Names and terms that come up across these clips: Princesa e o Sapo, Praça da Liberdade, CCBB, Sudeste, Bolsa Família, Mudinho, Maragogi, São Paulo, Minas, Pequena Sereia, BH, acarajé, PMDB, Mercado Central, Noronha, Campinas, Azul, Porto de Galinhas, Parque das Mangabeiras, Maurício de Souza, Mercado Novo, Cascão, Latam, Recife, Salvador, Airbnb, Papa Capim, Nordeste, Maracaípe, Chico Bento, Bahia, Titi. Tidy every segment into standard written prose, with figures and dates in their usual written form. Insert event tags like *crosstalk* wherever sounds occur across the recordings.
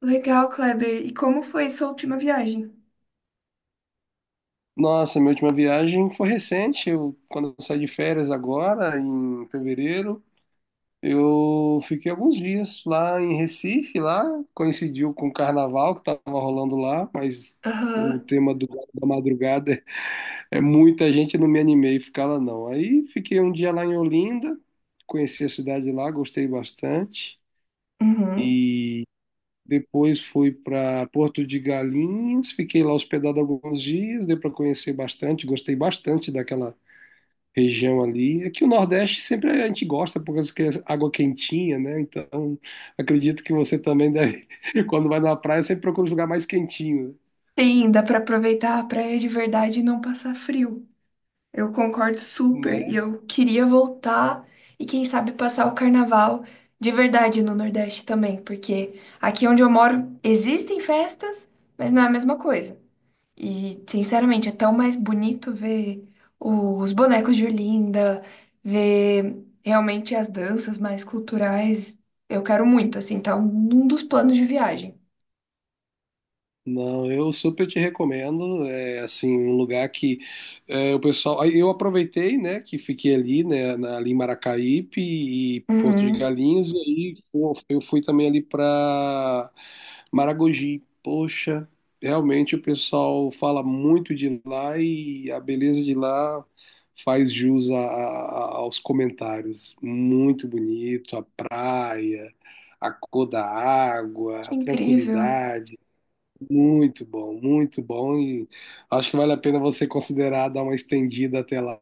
Legal, Kleber. E como foi sua última viagem? Nossa, minha última viagem foi recente. Quando eu saí de férias agora, em fevereiro, eu fiquei alguns dias lá em Recife, lá coincidiu com o carnaval que estava rolando lá, mas o Aham, tema da madrugada *laughs* é muita gente, eu não me animei a ficar lá não. Aí fiquei um dia lá em Olinda, conheci a cidade lá, gostei bastante uhum. e depois fui para Porto de Galinhas, fiquei lá hospedado alguns dias, deu para conhecer bastante, gostei bastante daquela região ali. É que o Nordeste sempre a gente gosta por causa que é água quentinha, né? Então, acredito que você também deve, *laughs* quando vai na praia, sempre procura um lugar mais quentinho, Sim, dá pra aproveitar a praia de verdade e não passar frio. Eu concordo super. E né? eu queria voltar e, quem sabe, passar o carnaval de verdade no Nordeste também, porque aqui onde eu moro existem festas, mas não é a mesma coisa. E, sinceramente, é tão mais bonito ver os bonecos de Olinda, ver realmente as danças mais culturais. Eu quero muito, assim, tá num dos planos de viagem. Não, eu super te recomendo. É assim, um lugar que é, o pessoal. Aí Eu aproveitei, né, que fiquei ali, né, ali em Maracaípe e Porto de Uhum, Galinhas, e aí pô, eu fui também ali para Maragogi. Poxa, realmente o pessoal fala muito de lá e a beleza de lá faz jus aos comentários. Muito bonito, a praia, a cor da água, que a incrível. tranquilidade. Muito bom, muito bom. E acho que vale a pena você considerar dar uma estendida até lá.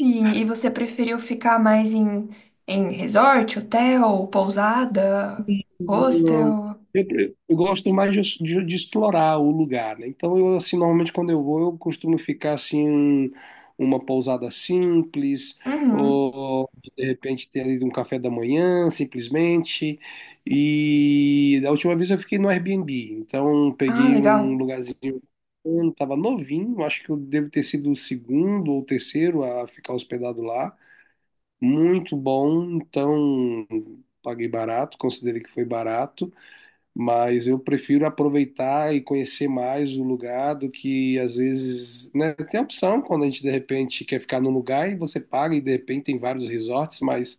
Sim, e você preferiu ficar mais em resort, hotel, pousada, Não. hostel? Eu gosto mais de explorar o lugar, né? Então, eu, assim, normalmente quando eu vou, eu costumo ficar, assim, uma pousada simples, Uhum. ou de repente ter ali um café da manhã, simplesmente. E da última vez eu fiquei no Airbnb, então Ah, peguei um legal. lugarzinho, estava novinho, acho que eu devo ter sido o segundo ou terceiro a ficar hospedado lá. Muito bom, então paguei barato, considerei que foi barato, mas eu prefiro aproveitar e conhecer mais o lugar do que às vezes, né, tem a opção quando a gente de repente quer ficar num lugar e você paga e de repente tem vários resorts, mas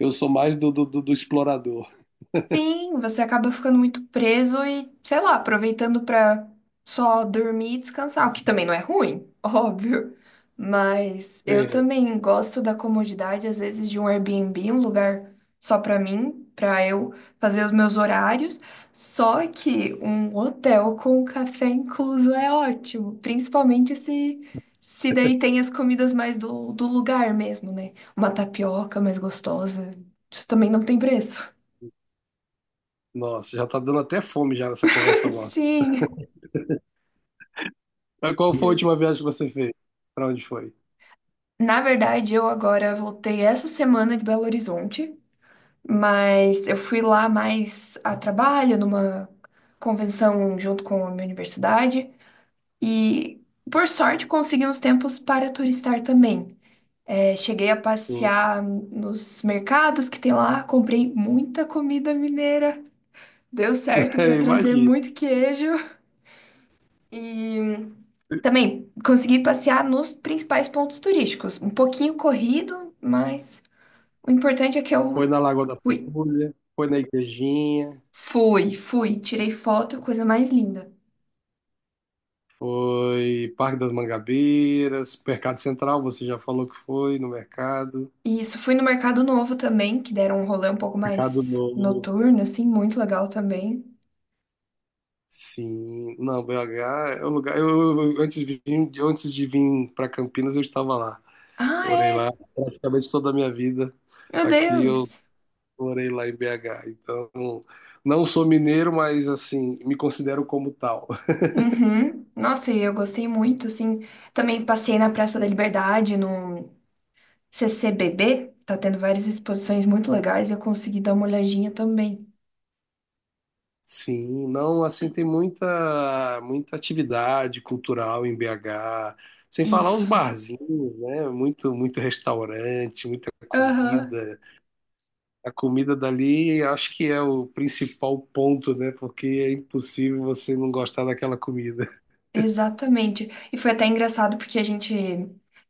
eu sou mais do explorador. Sim, você acaba ficando muito preso e, sei lá, aproveitando pra só dormir e descansar, o que também não é ruim, *laughs* óbvio. Mas eu É. também gosto da comodidade, às vezes, de um Airbnb, um lugar só pra mim, pra eu fazer os meus horários. Só que um hotel com café incluso é ótimo, principalmente se daí tem as comidas mais do lugar mesmo, né? Uma tapioca mais gostosa, isso também não tem preço. Nossa, já tá dando até fome já nessa conversa nossa. Sim. Mas qual foi a última viagem que você fez? Pra onde foi? Na verdade, eu agora voltei essa semana de Belo Horizonte, mas eu fui lá mais a trabalho, numa convenção junto com a minha universidade, e por sorte consegui uns tempos para turistar também. É, cheguei a Hum. passear nos mercados que tem lá, comprei muita comida mineira, deu certo *laughs* para É, trazer imagina. muito queijo e também consegui passear nos principais pontos turísticos. Um pouquinho corrido, mas o importante é que Foi eu na Lagoa da fui. Pampulha, foi na Igrejinha, Fui, fui, tirei foto, coisa mais linda. foi Parque das Mangabeiras, Mercado Central, você já falou que foi no mercado. E isso, fui no Mercado Novo também, que deram um rolê um pouco Mercado mais Novo. noturno, assim, muito legal também. Sim, não, BH é um lugar. Antes de vir, antes de vir para Campinas, eu estava lá. Ah, Morei é! lá praticamente toda a minha vida. Meu Aqui eu Deus! morei lá em BH. Então, não sou mineiro, mas assim, me considero como tal. Uhum. Nossa, e eu gostei muito, assim. Também passei na Praça da Liberdade, no CCBB. Tá tendo várias exposições muito legais e eu consegui dar uma olhadinha também. Sim, não, assim, tem muita, muita atividade cultural em BH. Sem falar os Isso. barzinhos, né? Muito, muito restaurante, muita Aham, comida. A comida dali acho que é o principal ponto, né? Porque é impossível você não gostar daquela comida. *laughs* exatamente. E foi até engraçado porque a gente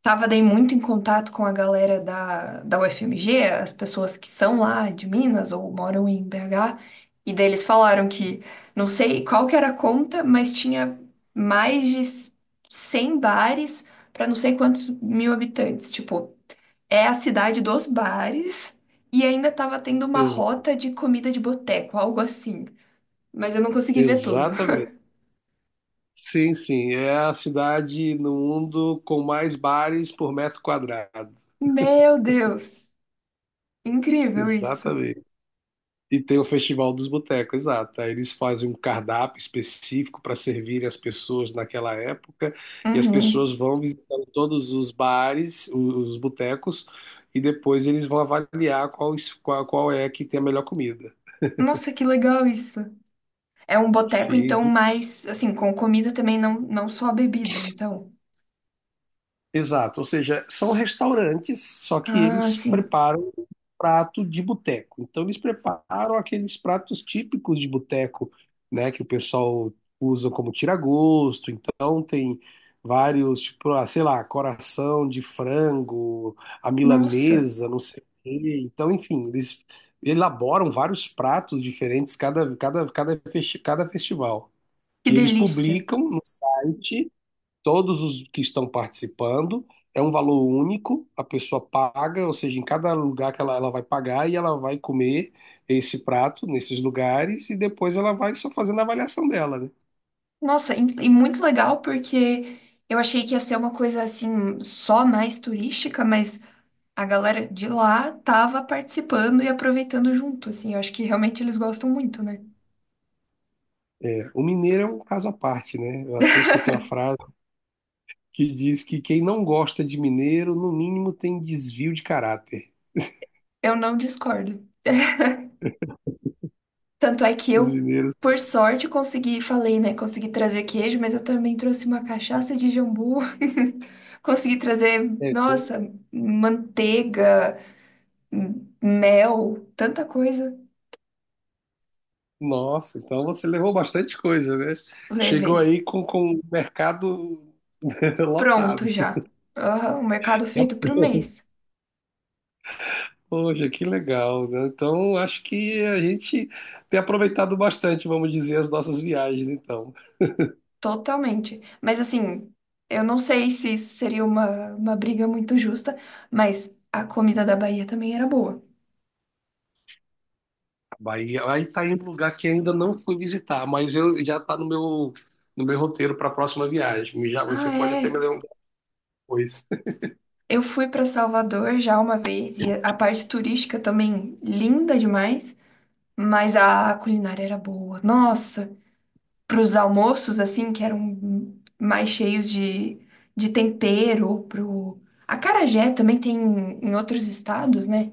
tava daí muito em contato com a galera da UFMG, as pessoas que são lá de Minas ou moram em BH, e daí eles falaram que não sei qual que era a conta, mas tinha mais de 100 bares para não sei quantos mil habitantes. Tipo, é a cidade dos bares e ainda tava tendo uma Exa- rota de comida de boteco, algo assim. Mas eu não consegui ver tudo. exatamente. Sim, sim. É a cidade no mundo com mais bares por metro quadrado. *laughs* Meu Deus! Incrível isso. Exatamente. E tem o Festival dos Botecos, exato. Aí eles fazem um cardápio específico para servir as pessoas naquela época, e as pessoas Uhum. vão visitando todos os bares, os botecos, e depois eles vão avaliar qual é que tem a melhor comida. Nossa, que legal isso. É um boteco, Sim, então, mais assim, com comida também, não, não só a bebida, então. exato, ou seja, são restaurantes, só que Ah, eles sim. preparam um prato de boteco. Então eles preparam aqueles pratos típicos de boteco, né, que o pessoal usa como tira-gosto. Então tem vários, tipo, ah, sei lá, coração de frango, a Nossa, milanesa, não sei o quê. Então, enfim, eles elaboram vários pratos diferentes cada festival. que E eles delícia. publicam no site todos os que estão participando. É um valor único, a pessoa paga, ou seja, em cada lugar que ela vai pagar e ela vai comer esse prato nesses lugares e depois ela vai só fazendo a avaliação dela, né? Nossa, e muito legal porque eu achei que ia ser uma coisa assim, só mais turística, mas a galera de lá tava participando e aproveitando junto, assim. Eu acho que realmente eles gostam muito, né? É, o mineiro é um caso à parte, né? Eu até escutei uma frase que diz que quem não gosta de mineiro, no mínimo, tem desvio de caráter. Eu não discordo. Tanto é que Os eu, mineiros. por sorte, consegui, falei, né? Consegui trazer queijo, mas eu também trouxe uma cachaça de jambu. *laughs* Consegui trazer, É, nossa, manteiga, m- mel, tanta coisa. nossa, então você levou bastante coisa, né? Chegou Levei. aí com o mercado *laughs* Pronto lotado. já. Aham, o mercado feito pro mês. Poxa, que legal, né? Então, acho que a gente tem aproveitado bastante, vamos dizer, as nossas viagens, então. Totalmente. Mas assim, eu não sei se isso seria uma briga muito justa, mas a comida da Bahia também era boa. Bahia, aí tá em um lugar que ainda não fui visitar, mas eu já tá no meu roteiro para a próxima viagem. Já você Ah, pode até me é. lembrar depois. *laughs* Eu fui para Salvador já uma vez e a parte turística também linda demais, mas a culinária era boa. Nossa, para os almoços assim que eram mais cheios de tempero, pro acarajé também tem em outros estados, né?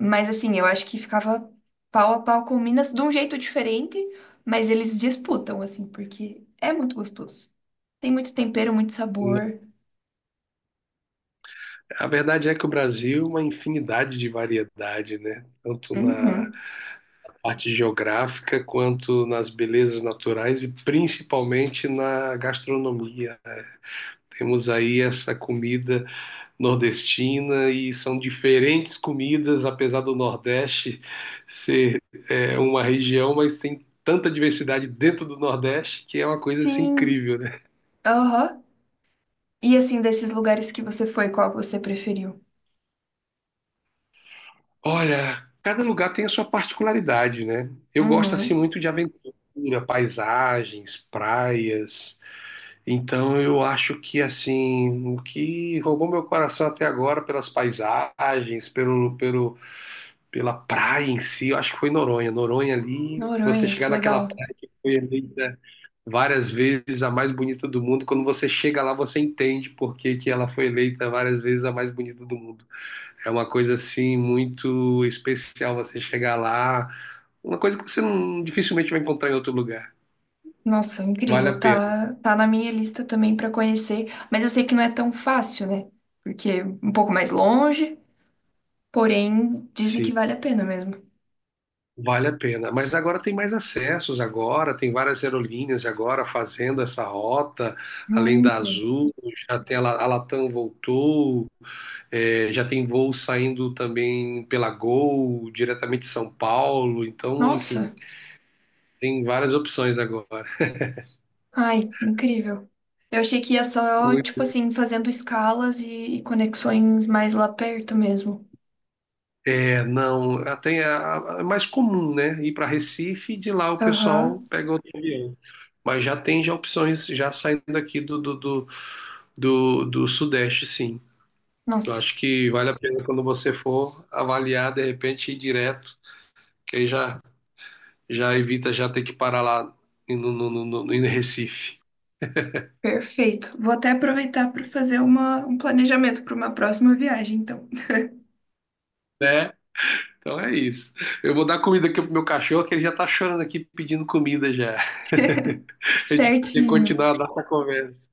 Mas assim, eu acho que ficava pau a pau com Minas de um jeito diferente, mas eles disputam assim, porque é muito gostoso. Tem muito tempero, muito Não. sabor. A verdade é que o Brasil é uma infinidade de variedade, né? Tanto na Uhum. parte geográfica quanto nas belezas naturais e principalmente na gastronomia, né? Temos aí essa comida nordestina e são diferentes comidas, apesar do Nordeste ser é, uma região, mas tem tanta diversidade dentro do Nordeste que é uma coisa assim, Sim. incrível, né? Aham. E assim, desses lugares que você foi, qual que você preferiu? Olha, cada lugar tem a sua particularidade, né? Eu gosto assim Uhum. muito de aventura, paisagens, praias. Então eu acho que assim, o que roubou meu coração até agora pelas paisagens, pelo, pelo pela praia em si, eu acho que foi Noronha. Noronha ali, você Noronha, chegar que naquela legal. praia que foi eleita várias vezes a mais bonita do mundo, quando você chega lá, você entende por que que ela foi eleita várias vezes a mais bonita do mundo. É uma coisa assim muito especial você chegar lá, uma coisa que você não, dificilmente vai encontrar em outro lugar. Nossa, Vale incrível. a pena. Tá, tá na minha lista também pra conhecer, mas eu sei que não é tão fácil, né? Porque é um pouco mais longe, porém dizem que Sim. vale a pena mesmo. Vale a pena. Mas agora tem mais acessos agora, tem várias aerolíneas agora fazendo essa rota, além Hum. da Azul, já tem a Latam voltou, é, já tem voo saindo também pela Gol, diretamente de São Paulo, então, enfim, Nossa, tem várias opções agora. ai, incrível. Eu achei que ia só, tipo Muito- assim, fazendo escalas e conexões mais lá perto mesmo. É, não, até é mais comum, né? Ir para Recife e de lá o pessoal Aham. pega outro avião. Mas já tem já opções já saindo aqui do Sudeste, sim. Eu Nossa. acho que vale a pena quando você for avaliar, de repente, ir direto, que aí já, já evita já ter que parar lá no, no, no, no, em Recife. Perfeito. Vou até aproveitar para fazer um planejamento para uma próxima viagem, então. Né? Então é isso. Eu vou dar comida aqui pro meu cachorro, que ele já tá chorando aqui pedindo comida já. *laughs* A gente vai Certinho. continuar a nossa conversa.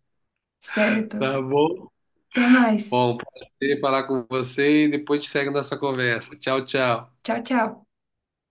Certo. Tá bom? Até mais. Bom, prazer falar com você e depois a gente segue a nossa conversa. Tchau, tchau. Tchau, tchau.